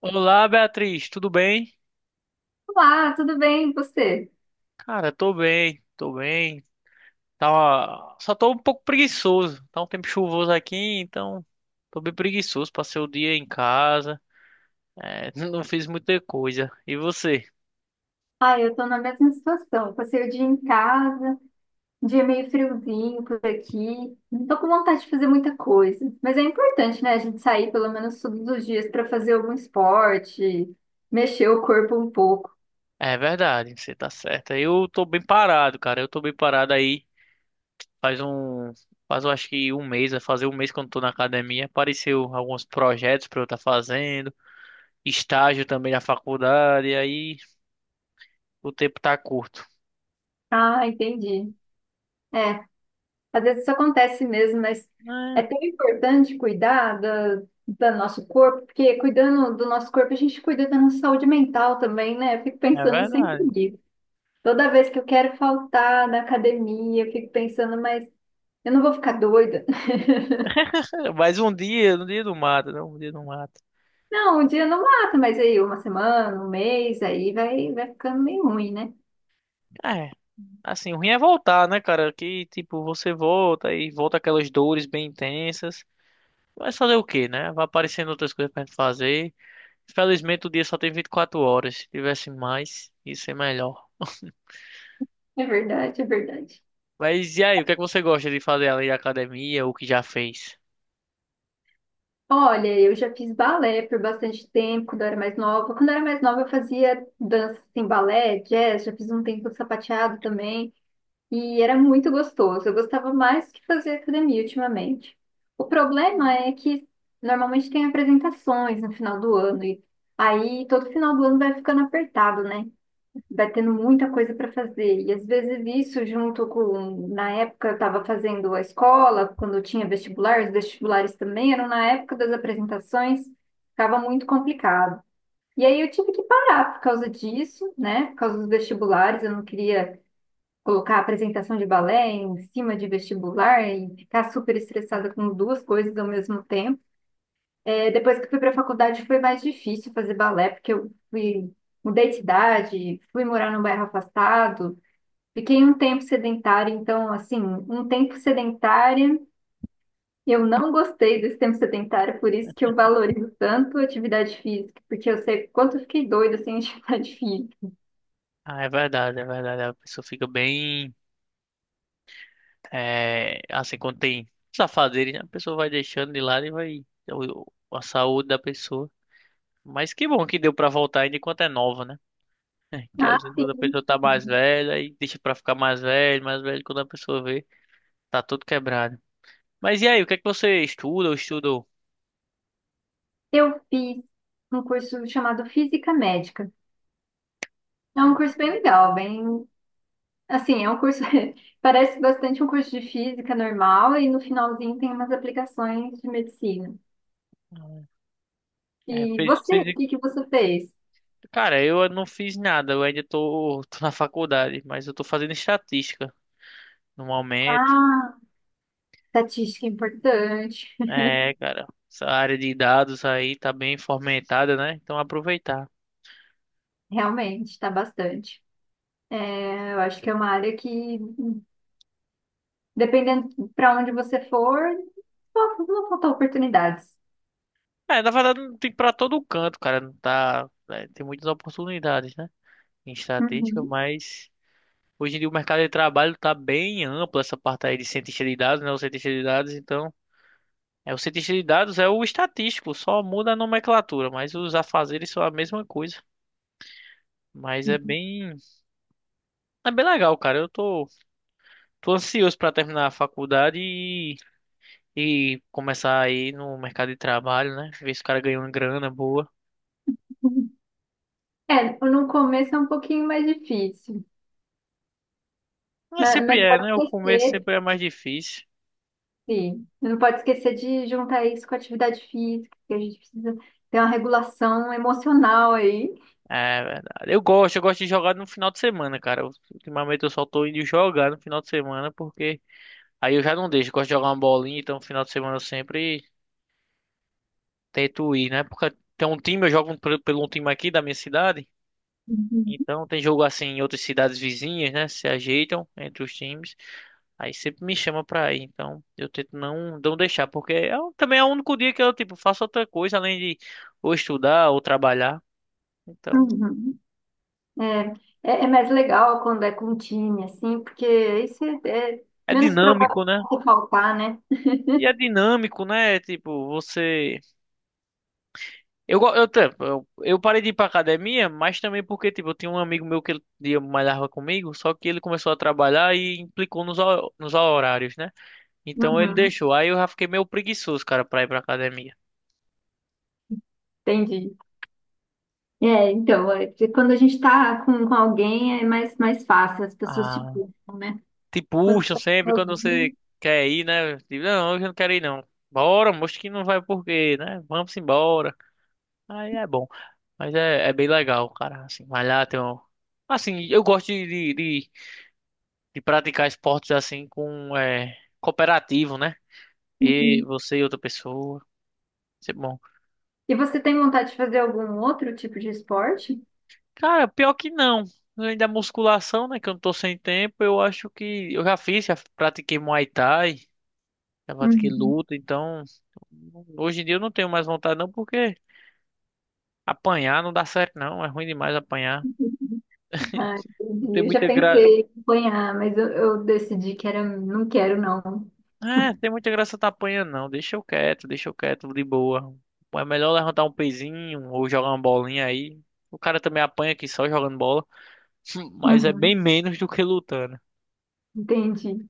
Olá, Beatriz, tudo bem? Olá, tudo bem? E você? Cara, tô bem, tô bem. Tá Só tô um pouco preguiçoso. Tá um tempo chuvoso aqui, então tô bem preguiçoso. Passei o dia em casa, não fiz muita coisa. E você? Ah, eu tô na mesma situação. Eu Passei o dia em casa, um dia meio friozinho por aqui. Não tô com vontade de fazer muita coisa. Mas é importante, né? A gente sair pelo menos todos os dias para fazer algum esporte, mexer o corpo um pouco. É verdade, você tá certa. Eu tô bem parado, cara. Eu tô bem parado aí. Faz um. Faz, eu acho que um mês, vai fazer um mês que eu não tô na academia. Apareceu alguns projetos pra eu estar fazendo, estágio também na faculdade, e aí o tempo tá curto. Ah, entendi. É, às vezes isso acontece mesmo, mas é tão importante cuidar do nosso corpo, porque cuidando do nosso corpo, a gente cuida da nossa saúde mental também, né? Eu fico É, é pensando sempre verdade. nisso. Toda vez que eu quero faltar na academia, eu fico pensando, mas eu não vou ficar doida. Mas um dia, um dia não mata, não. Um dia não mata. Não, um dia não mata, mas aí uma semana, um mês, aí vai ficando meio ruim, né? É, assim, o ruim é voltar, né, cara? Que, tipo, você volta e volta aquelas dores bem intensas. Mas fazer o quê, né? Vai aparecendo outras coisas pra gente fazer. Felizmente o dia só tem 24 horas. Se tivesse mais, ia ser melhor. É verdade, é verdade. Mas e aí, o que é que você gosta de fazer além da academia ou o que já fez? Olha, eu já fiz balé por bastante tempo, quando eu era mais nova. Quando eu era mais nova, eu fazia dança em balé, jazz, já fiz um tempo de sapateado também. E era muito gostoso. Eu gostava mais que fazer academia ultimamente. O problema é que normalmente tem apresentações no final do ano e aí todo final do ano vai ficando apertado, né? Vai tendo muita coisa para fazer. E às vezes isso junto com, na época eu estava fazendo a escola, quando eu tinha vestibular, os vestibulares também eram na época das apresentações, ficava muito complicado. E aí eu tive que parar por causa disso, né? Por causa dos vestibulares, eu não queria colocar a apresentação de balé em cima de vestibular e ficar super estressada com duas coisas ao mesmo tempo. É, depois que fui para a faculdade foi mais difícil fazer balé, porque eu fui, mudei de idade, fui morar num bairro afastado, fiquei um tempo sedentária, então, assim, um tempo sedentária. Eu não gostei desse tempo sedentário, por isso que eu valorizo tanto a atividade física, porque eu sei quanto eu fiquei doida sem atividade física. Ah, é verdade, é verdade. A pessoa fica bem. É, assim, quando tem os né? A pessoa vai deixando de lado e vai. o- A saúde da pessoa. Mas que bom que deu pra voltar ainda enquanto é nova, né? Que Ah, às vezes quando a sim. pessoa tá mais velha e deixa pra ficar mais velho, quando a pessoa vê, tá tudo quebrado. Mas e aí, o que é que você estuda ou estudou? Eu fiz um curso chamado Física Médica. É um curso bem legal, bem. Assim, é um curso. Parece bastante um curso de física normal e no finalzinho tem umas aplicações de medicina. É, E fez, você, o fez... que que você fez? Cara, eu não fiz nada, eu ainda tô na faculdade, mas eu tô fazendo estatística no momento. Ah, estatística é importante. É, cara, essa área de dados aí tá bem fomentada, né? Então aproveitar. Realmente, está bastante. É, eu acho que é uma área que, dependendo para onde você for, não vão faltar oportunidades. É, na verdade não tem pra todo canto, cara, não tá, é, tem muitas oportunidades, né? Em estatística, Uhum. mas hoje em dia o mercado de trabalho está bem amplo, essa parte aí de cientista de dados, né? O cientista de dados, então. É, o cientista de dados é o estatístico, só muda a nomenclatura, mas os afazeres são a mesma coisa. Mas é bem legal, cara. Eu tô, tô ansioso para terminar a faculdade e começar aí no mercado de trabalho, né? Ver se o cara ganha uma grana boa. É, no começo é um pouquinho mais difícil, Mas sempre mas é, pode né? O começo crescer. sempre é mais difícil. Sim. Não pode esquecer de juntar isso com a atividade física, que a gente precisa ter uma regulação emocional aí. É verdade. Eu gosto de jogar no final de semana, cara. Ultimamente eu só tô indo jogar no final de semana porque aí eu já não deixo, gosto de jogar uma bolinha, então no final de semana eu sempre tento ir, né? Porque tem um time, eu jogo pelo um time aqui da minha cidade, Uhum. então tem jogo assim em outras cidades vizinhas, né? Se ajeitam entre os times, aí sempre me chama pra ir, então eu tento não, não deixar, porque também é o único dia que eu, tipo, faço outra coisa além de ou estudar ou trabalhar, então Uhum. É, é mais legal quando é com um time, assim, porque isso é é menos dinâmico, provável né? de faltar, né? E é dinâmico, né? Tipo, você. Eu, go- eu, te- eu parei de ir pra academia, mas também porque, tipo, eu tinha um amigo meu que ele malhava comigo, só que ele começou a trabalhar e implicou nos horários, né? Então ele Uhum, deixou. Aí eu já fiquei meio preguiçoso, cara, pra ir pra academia. entendi. Que quando a gente está com alguém é mais fácil, as pessoas se Ah, puxam, né? te Quando puxam está sempre quando você sozinho. quer ir, né? Tipo, não, hoje eu não quero ir, não. Bora, moço que não vai por quê, né? Vamos embora. Aí é bom. Mas é, é bem legal, cara, assim, malhar, tem um... Assim, eu gosto de praticar esportes assim com é, cooperativo, né? E Uhum. você e outra pessoa. Isso é bom. E você tem vontade de fazer algum outro tipo de esporte? Cara, pior que não. Além da musculação, né? Que eu não tô sem tempo, eu acho que eu já fiz, já pratiquei Muay Thai, já pratiquei Uhum. luta, então hoje em dia eu não tenho mais vontade não, porque apanhar não dá certo não, é ruim demais apanhar. Ah, Não tem entendi. Eu já muita gra... pensei em acompanhar, mas eu decidi que era, não quero, não. É, tem muita graça tá apanhando, não. Deixa eu quieto, de boa. É melhor levantar um pezinho ou jogar uma bolinha aí. O cara também apanha aqui só jogando bola, mas é bem Uhum, menos do que lutando. entendi.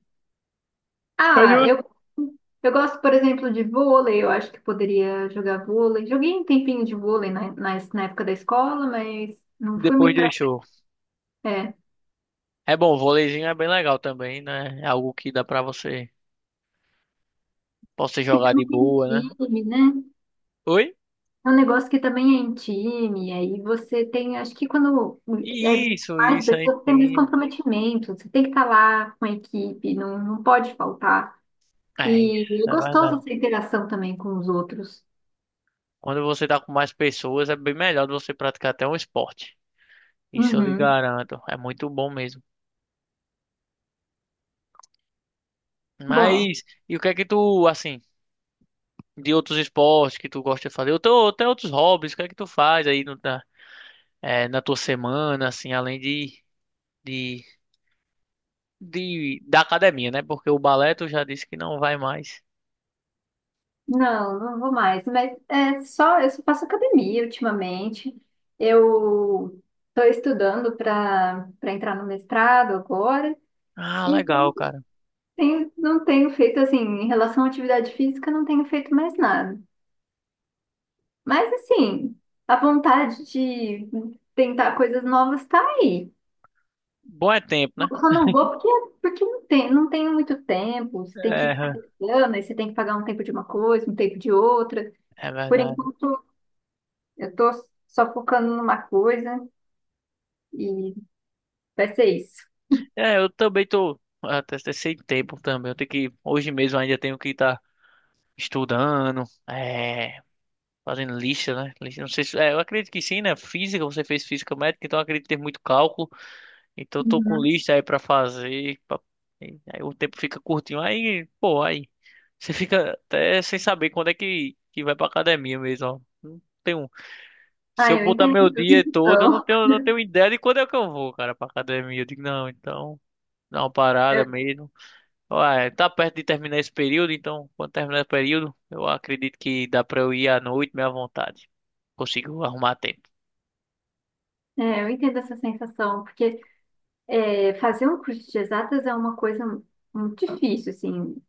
Mas Ah, eu- eu gosto, por exemplo, de vôlei. Eu acho que poderia jogar vôlei. Joguei um tempinho de vôlei na época da escola, mas não fui Depois muito pra... deixou. É, É bom, o voleizinho é bem legal também, né? É algo que dá pra você, possa que jogar de também é em boa, né? time, né? Oi? É um negócio que também é em time. Aí você tem, acho que quando é Isso, mais isso aí pessoas, tem mais sim. comprometimento. Você tem que estar lá com a equipe, não pode faltar. É E é isso, é gostoso verdade. essa interação também com os outros. Quando você tá com mais pessoas, é bem melhor de você praticar até um esporte. Isso eu lhe Uhum. garanto. É muito bom mesmo. Bom, Mas, e o que é que tu, assim, de outros esportes que tu gosta de fazer? Ou tem outros hobbies, o que é que tu faz aí na, é, na tua semana, assim, além de, de, da academia, né? Porque o balé tu já disse que não vai mais. não, não vou mais, mas é só, eu só faço academia ultimamente. Eu estou estudando para entrar no mestrado agora, Ah, legal, então cara. Não tenho feito assim, em relação à atividade física, não tenho feito mais nada. Mas assim, a vontade de tentar coisas novas está aí. Bom é tempo, né? Eu só não vou porque não tem, não tenho muito tempo. Você tem que ficar É, trabalhando, aí você tem que pagar um tempo de uma coisa, um tempo de outra. é Por verdade. enquanto, eu tô só focando numa coisa e vai ser isso. É, eu também tô até sem tempo também. Eu tenho que, hoje mesmo ainda tenho que estar estudando, é, fazendo lista, né? Lista, não sei se, é, eu acredito que sim, né? Física, você fez física médica, então eu acredito ter muito cálculo. Então eu tô com Uhum. lista aí pra fazer. Aí o tempo fica curtinho. Aí, pô, aí você fica até sem saber quando é que vai pra academia mesmo, ó. Não tenho, se Ah, eu eu botar entendo meu dia todo, eu não então. tenho, não tenho ideia de quando é que eu vou, cara, pra academia. Eu digo, não, então, dá uma parada Eu, mesmo. Ué, tá perto de terminar esse período, então, quando terminar esse período, eu acredito que dá pra eu ir à noite, meio à vontade. Consigo arrumar tempo. Eu entendo essa sensação, porque é, fazer um curso de exatas é uma coisa muito difícil, assim.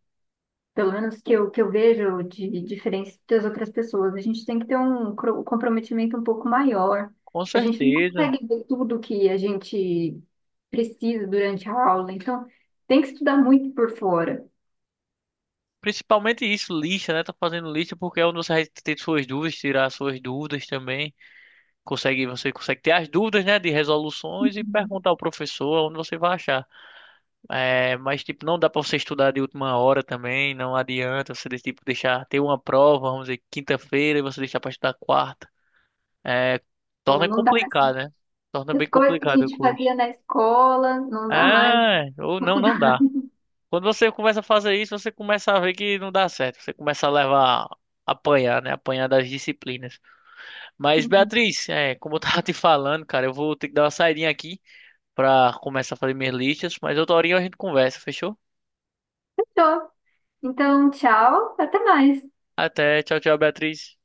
Pelo menos que que eu vejo de diferença das outras pessoas. A gente tem que ter um um comprometimento um pouco maior. Com A gente não certeza. consegue ver tudo que a gente precisa durante a aula, então tem que estudar muito por fora. Principalmente isso, lista, né? Tá fazendo lista porque é onde você vai ter suas dúvidas, tirar suas dúvidas também. Consegue, você consegue ter as dúvidas, né? De resoluções e perguntar ao professor onde você vai achar. É, mas, tipo, não dá pra você estudar de última hora também. Não adianta você, tipo, deixar ter uma prova, vamos dizer, quinta-feira e você deixar pra estudar quarta. É, Então, torna não dá assim, complicado, né? Torna bem as coisas que a complicado o gente curso. fazia na escola, não dá mais É, ou na não, não faculdade. dá. Quando você começa a fazer isso, você começa a ver que não dá certo. Você começa a levar, apanhar, né? Apanhar das disciplinas. Mas, Beatriz, é, como eu tava te falando, cara, eu vou ter que dar uma saidinha aqui pra começar a fazer minhas listas. Mas outra horinha a gente conversa, fechou? Fechou. Então, tchau, até mais. Até, tchau, tchau, Beatriz.